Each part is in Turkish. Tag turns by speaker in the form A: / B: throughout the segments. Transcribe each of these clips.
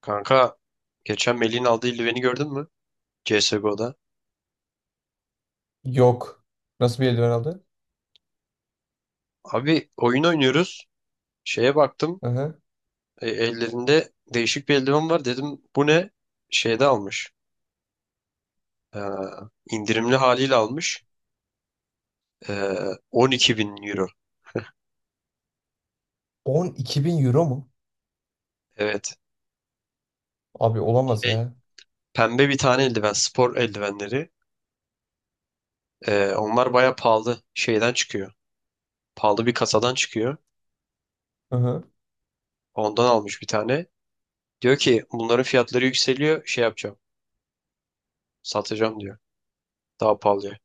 A: Kanka geçen Melih'in aldığı Illiven'i gördün mü? CSGO'da.
B: Yok. Nasıl bir eldiven aldı?
A: Abi oyun oynuyoruz. Şeye baktım.
B: Hı hı.
A: Ellerinde değişik bir eldiven var. Dedim bu ne? Şeyde almış. Ee, indirimli haliyle almış. Ee, 12 bin euro.
B: 12 bin euro mu?
A: Evet.
B: Abi olamaz
A: Şey,
B: ya.
A: pembe bir tane eldiven. Spor eldivenleri. Onlar baya pahalı. Şeyden çıkıyor. Pahalı bir kasadan çıkıyor.
B: Hı hı.
A: Ondan almış bir tane. Diyor ki bunların fiyatları yükseliyor. Şey yapacağım. Satacağım diyor. Daha pahalıya.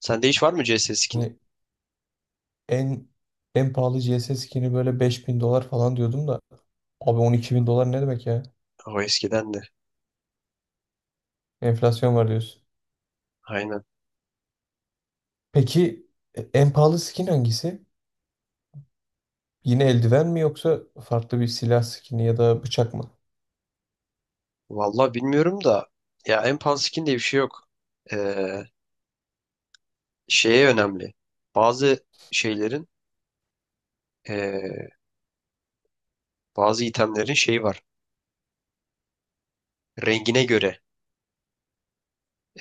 A: Sende hiç var mı CS skin'i?
B: Hani en en pahalı CS skin'i böyle 5.000 dolar falan diyordum da. Abi 12 bin dolar ne demek ya?
A: O eskiden de.
B: Enflasyon var diyorsun.
A: Aynen.
B: Peki en pahalı skin hangisi? Yine eldiven mi yoksa farklı bir silah skin'i ya da bıçak mı?
A: Vallahi bilmiyorum da ya en pahalı skin diye bir şey yok. Ee, şeye önemli. Bazı şeylerin ee, bazı itemlerin şeyi var. Rengine göre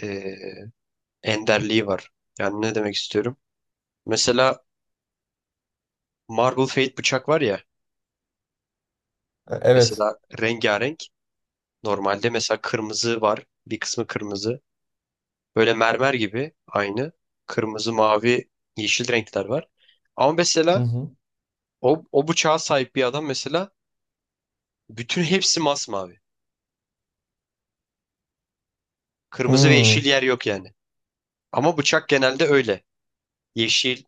A: ee, enderliği var. Yani ne demek istiyorum? Mesela Marble Fate bıçak var ya.
B: Evet.
A: Mesela rengarenk. Normalde mesela kırmızı var. Bir kısmı kırmızı. Böyle mermer gibi aynı. Kırmızı, mavi, yeşil renkler var. Ama
B: Hı
A: mesela
B: hı.
A: O bıçağa sahip bir adam mesela bütün hepsi masmavi. Kırmızı ve yeşil
B: Hmm.
A: yer yok yani. Ama bıçak genelde öyle. Yeşil,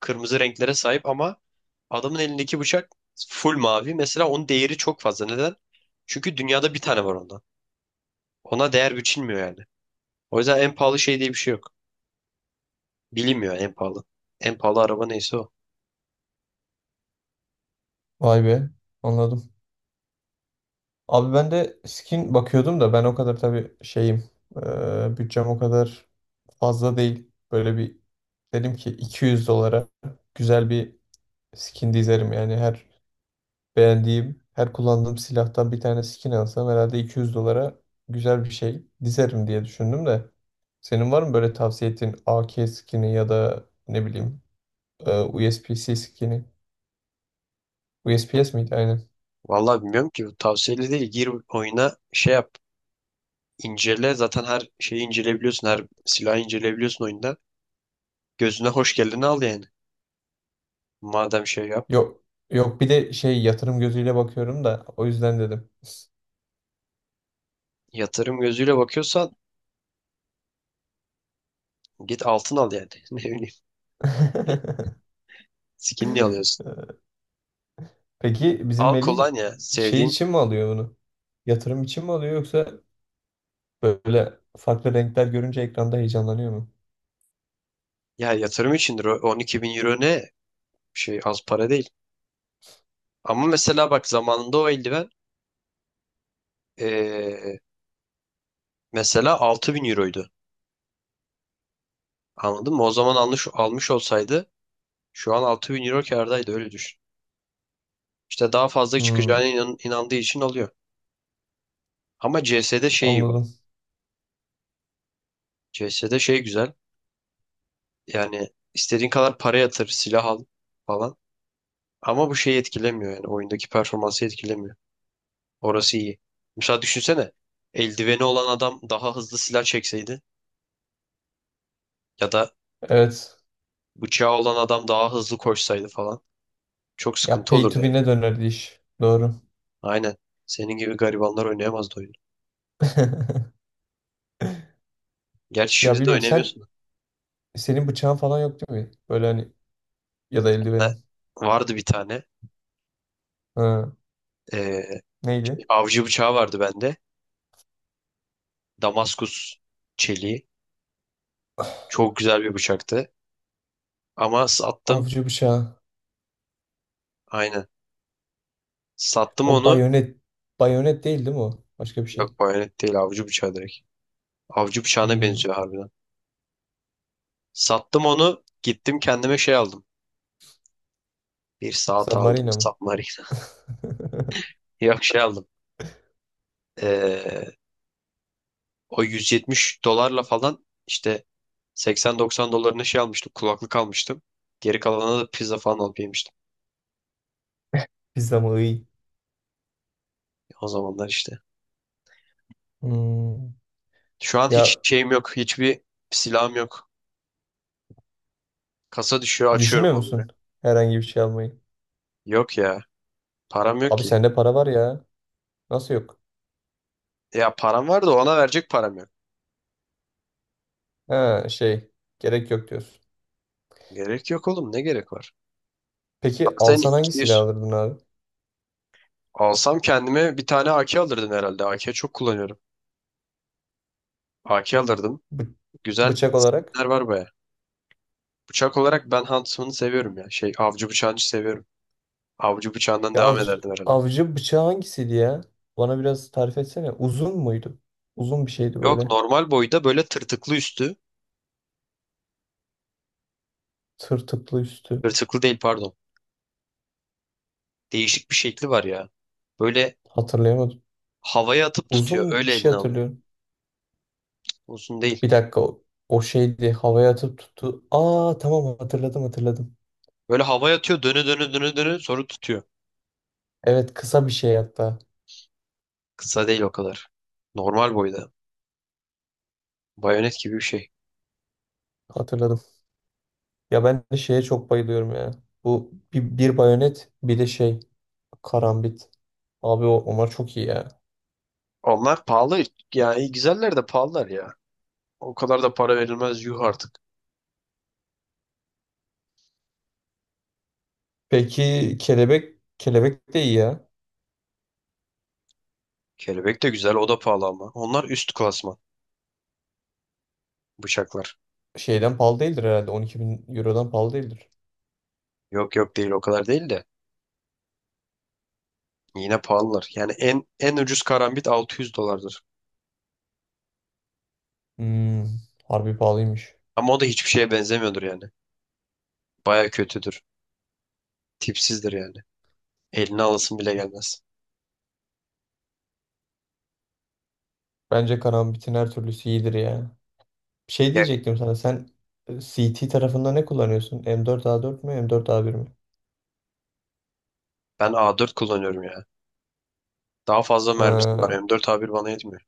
A: kırmızı renklere sahip ama adamın elindeki bıçak full mavi. Mesela onun değeri çok fazla. Neden? Çünkü dünyada bir tane var ondan. Ona değer biçilmiyor yani. O yüzden en pahalı şey diye bir şey yok. Bilinmiyor en pahalı. En pahalı araba neyse o.
B: Vay be. Anladım. Abi ben de skin bakıyordum da ben o kadar tabii şeyim bütçem o kadar fazla değil. Böyle bir dedim ki 200 dolara güzel bir skin dizerim. Yani her beğendiğim, her kullandığım silahtan bir tane skin alsam herhalde 200 dolara güzel bir şey dizerim diye düşündüm de. Senin var mı böyle tavsiye ettiğin AK skini ya da ne bileyim eee, C skini? USPS miydi? Aynen.
A: Vallahi bilmiyorum ki. Bu tavsiyeli değil. Gir oyuna şey yap. İncele. Zaten her şeyi inceleyebiliyorsun. Her silahı inceleyebiliyorsun oyunda. Gözüne hoş geleni al yani. Madem şey yap,
B: Yok. Yok, bir de şey yatırım gözüyle bakıyorum da o yüzden dedim.
A: yatırım gözüyle bakıyorsan git altın al yani. Ne bileyim, skinli alıyorsun.
B: Peki bizim
A: Al
B: Melih
A: kolonya,
B: şey
A: sevdiğin.
B: için mi alıyor bunu? Yatırım için mi alıyor yoksa böyle farklı renkler görünce ekranda heyecanlanıyor mu?
A: Ya yatırım içindir o 12 bin euro ne? Şey az para değil. Ama mesela bak zamanında o eldiven eee, mesela 6.000 euroydu. Anladın mı? O zaman almış, almış olsaydı şu an 6.000 euro kârdaydı öyle düşün. İşte daha fazla çıkacağına
B: Hmm,
A: inandığı için alıyor. Ama CS'de şey iyi bak.
B: anladım.
A: CS'de şey güzel. Yani istediğin kadar para yatır, silah al falan. Ama bu şeyi etkilemiyor yani oyundaki performansı etkilemiyor. Orası iyi. Mesela düşünsene eldiveni olan adam daha hızlı silah çekseydi ya da
B: Evet.
A: bıçağı olan adam daha hızlı koşsaydı falan çok
B: Ya
A: sıkıntı
B: pay
A: olurdu
B: to
A: yani.
B: win'e dönerdi iş. Doğru.
A: Aynen. Senin gibi garibanlar oynayamazdı oyunu. Gerçi
B: Ya
A: şimdi de
B: bilmiyorum, sen
A: oynayamıyorsun.
B: Senin bıçağın falan yok değil mi? Böyle hani, ya da
A: Ha,
B: eldivenin.
A: vardı bir tane.
B: Ha,
A: Ee,
B: neydi?
A: avcı bıçağı vardı bende. Damaskus çeliği. Çok güzel bir bıçaktı. Ama sattım.
B: Avcı bıçağı.
A: Aynen. Sattım
B: O
A: onu.
B: bayonet. Bayonet değil değil mi o? Başka bir şey.
A: Yok, bayonet değil, avcı bıçağı direkt. Avcı bıçağına
B: Hmm.
A: benziyor harbiden. Sattım onu. Gittim kendime şey aldım. Bir saat aldım.
B: Submarina mı?
A: Submarine. Yok şey aldım. Ee, o 170 dolarla falan işte 80-90 dolarına şey almıştım. Kulaklık almıştım. Geri kalanına da pizza falan alıp yemiştim.
B: Pizza mı? Iy.
A: O zamanlar işte.
B: Hmm.
A: Şu an hiç
B: Ya
A: şeyim yok. Hiçbir silahım yok. Kasa düşüyor açıyorum
B: düşünmüyor
A: onları.
B: musun? Herhangi bir şey almayı.
A: Yok ya. Param yok
B: Abi
A: ki.
B: sende para var ya. Nasıl yok?
A: Ya param var da ona verecek param yok.
B: Ha şey. Gerek yok diyorsun.
A: Gerek yok oğlum. Ne gerek var? Ama
B: Peki
A: senin
B: alsan hangi silah
A: 200
B: alırdın abi?
A: alsam kendime bir tane AK alırdım herhalde. AK çok kullanıyorum. AK alırdım.
B: Bı-
A: Güzel
B: bıçak olarak.
A: skinler var baya. Bıçak olarak ben Huntsman'ı seviyorum ya. Şey avcı bıçağını seviyorum. Avcı bıçağından
B: Ya,
A: devam
B: avcı,
A: ederdim herhalde.
B: avcı bıçağı hangisiydi ya? Bana biraz tarif etsene. Uzun muydu? Uzun bir şeydi
A: Yok,
B: böyle.
A: normal boyda, böyle tırtıklı üstü.
B: Tırtıklı üstü.
A: Tırtıklı değil, pardon. Değişik bir şekli var ya. Böyle
B: Hatırlayamadım.
A: havaya atıp tutuyor.
B: Uzun
A: Öyle
B: bir şey
A: eline alıyor.
B: hatırlıyorum.
A: Uzun değil.
B: Bir dakika, o şeydi. Havaya atıp tuttu. Aa tamam, hatırladım hatırladım.
A: Böyle havaya atıyor. Dönü dönü dönü dönü sonra tutuyor.
B: Evet, kısa bir şey hatta.
A: Kısa değil o kadar. Normal boyda. Bayonet gibi bir şey.
B: Hatırladım. Ya ben de şeye çok bayılıyorum ya. Bu bir bayonet, bir de şey, karambit. Abi onlar çok iyi ya.
A: Onlar pahalı. Yani güzeller de pahalılar ya. O kadar da para verilmez yuh artık.
B: Peki kelebek de iyi ya.
A: Kelebek de güzel, o da pahalı ama. Onlar üst klasman. Bıçaklar.
B: Şeyden pahalı değildir herhalde. 12 bin eurodan pahalı değildir.
A: Yok yok, değil o kadar değil de. Yine pahalılar. Yani en en ucuz karambit 600 dolardır.
B: Hmm, harbi pahalıymış.
A: Ama o da hiçbir şeye benzemiyordur yani. Baya kötüdür. Tipsizdir yani. Eline alasın bile gelmez.
B: Bence kanabitin her türlüsü iyidir ya. Bir şey
A: Ya
B: diyecektim sana. Sen CT tarafında ne kullanıyorsun? M4A4 mü M4A1 mi?
A: ben A4 kullanıyorum ya. Daha fazla mermisi var.
B: Ha,
A: M4 A1 bana yetmiyor.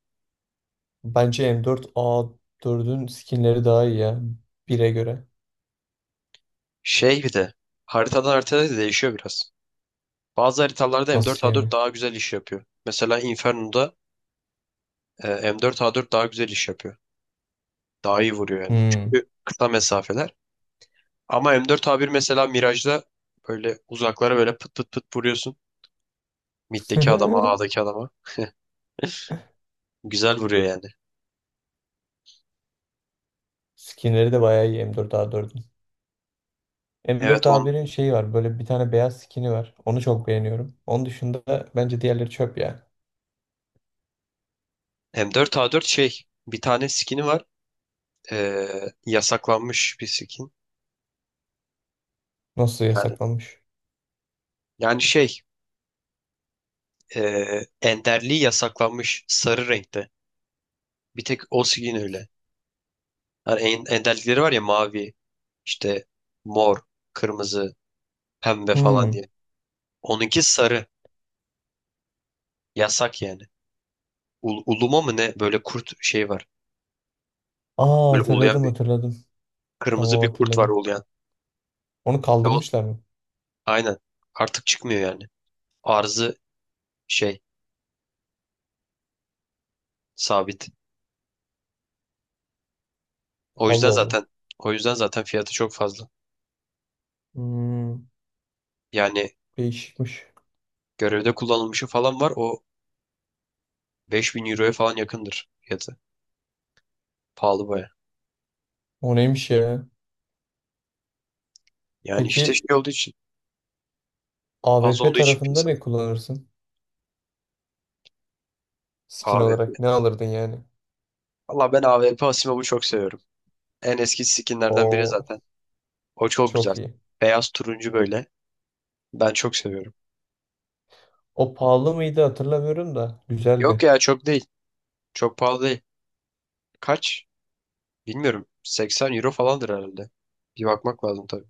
B: bence M4A4'ün skinleri daha iyi ya. Bire göre.
A: Şey bir de haritadan haritaya da değişiyor biraz. Bazı haritalarda M4
B: Nasıl
A: A4
B: yani?
A: daha güzel iş yapıyor. Mesela Inferno'da e, M4 A4 daha güzel iş yapıyor. Daha iyi vuruyor yani.
B: Hmm.
A: Çünkü kısa mesafeler. Ama M4A1 mesela Mirage'da böyle uzaklara böyle pıt pıt pıt vuruyorsun. Mid'deki adama, A'daki adama. Güzel vuruyor yani.
B: Skinleri de bayağı iyi M4A4'ün.
A: Evet on
B: M4A1'in şeyi var. Böyle bir tane beyaz skini var. Onu çok beğeniyorum. Onun dışında bence diğerleri çöp ya.
A: M4A4 şey bir tane skin'i var. Ee, yasaklanmış bir skin.
B: Nasıl
A: Yani
B: yasaklanmış?
A: yani şey enderliği yasaklanmış sarı renkte. Bir tek o skin öyle. Yani enderlikleri var ya mavi, işte mor, kırmızı, pembe falan
B: Hmm.
A: diye. Onunki sarı. Yasak yani. Uluma mı ne? Böyle kurt şey var.
B: Aa
A: Böyle uluyan
B: hatırladım
A: bir
B: hatırladım.
A: kırmızı
B: Tamam
A: bir kurt var
B: hatırladım.
A: uluyan.
B: Onu
A: Ve o,
B: kaldırmışlar mı?
A: aynen. Artık çıkmıyor yani. Arzı şey sabit. O yüzden
B: Allah Allah.
A: zaten o yüzden zaten fiyatı çok fazla.
B: Hmm,
A: Yani
B: değişikmiş.
A: görevde kullanılmışı falan var. O 5.000 euroya falan yakındır fiyatı. Pahalı baya.
B: O neymiş ya?
A: Yani işte
B: Peki
A: şey olduğu için
B: A W
A: az
B: P
A: olduğu için
B: tarafında
A: piyasada.
B: ne kullanırsın? Skin
A: AVP.
B: olarak ne alırdın yani?
A: Valla ben AVP Asimov'u çok seviyorum. En eski skinlerden biri
B: O
A: zaten. O çok güzel.
B: çok iyi.
A: Beyaz turuncu böyle. Ben çok seviyorum.
B: O pahalı mıydı hatırlamıyorum da
A: Yok
B: güzeldi.
A: ya çok değil. Çok pahalı değil. Kaç? Bilmiyorum. 80 euro falandır herhalde. Bir bakmak lazım tabii.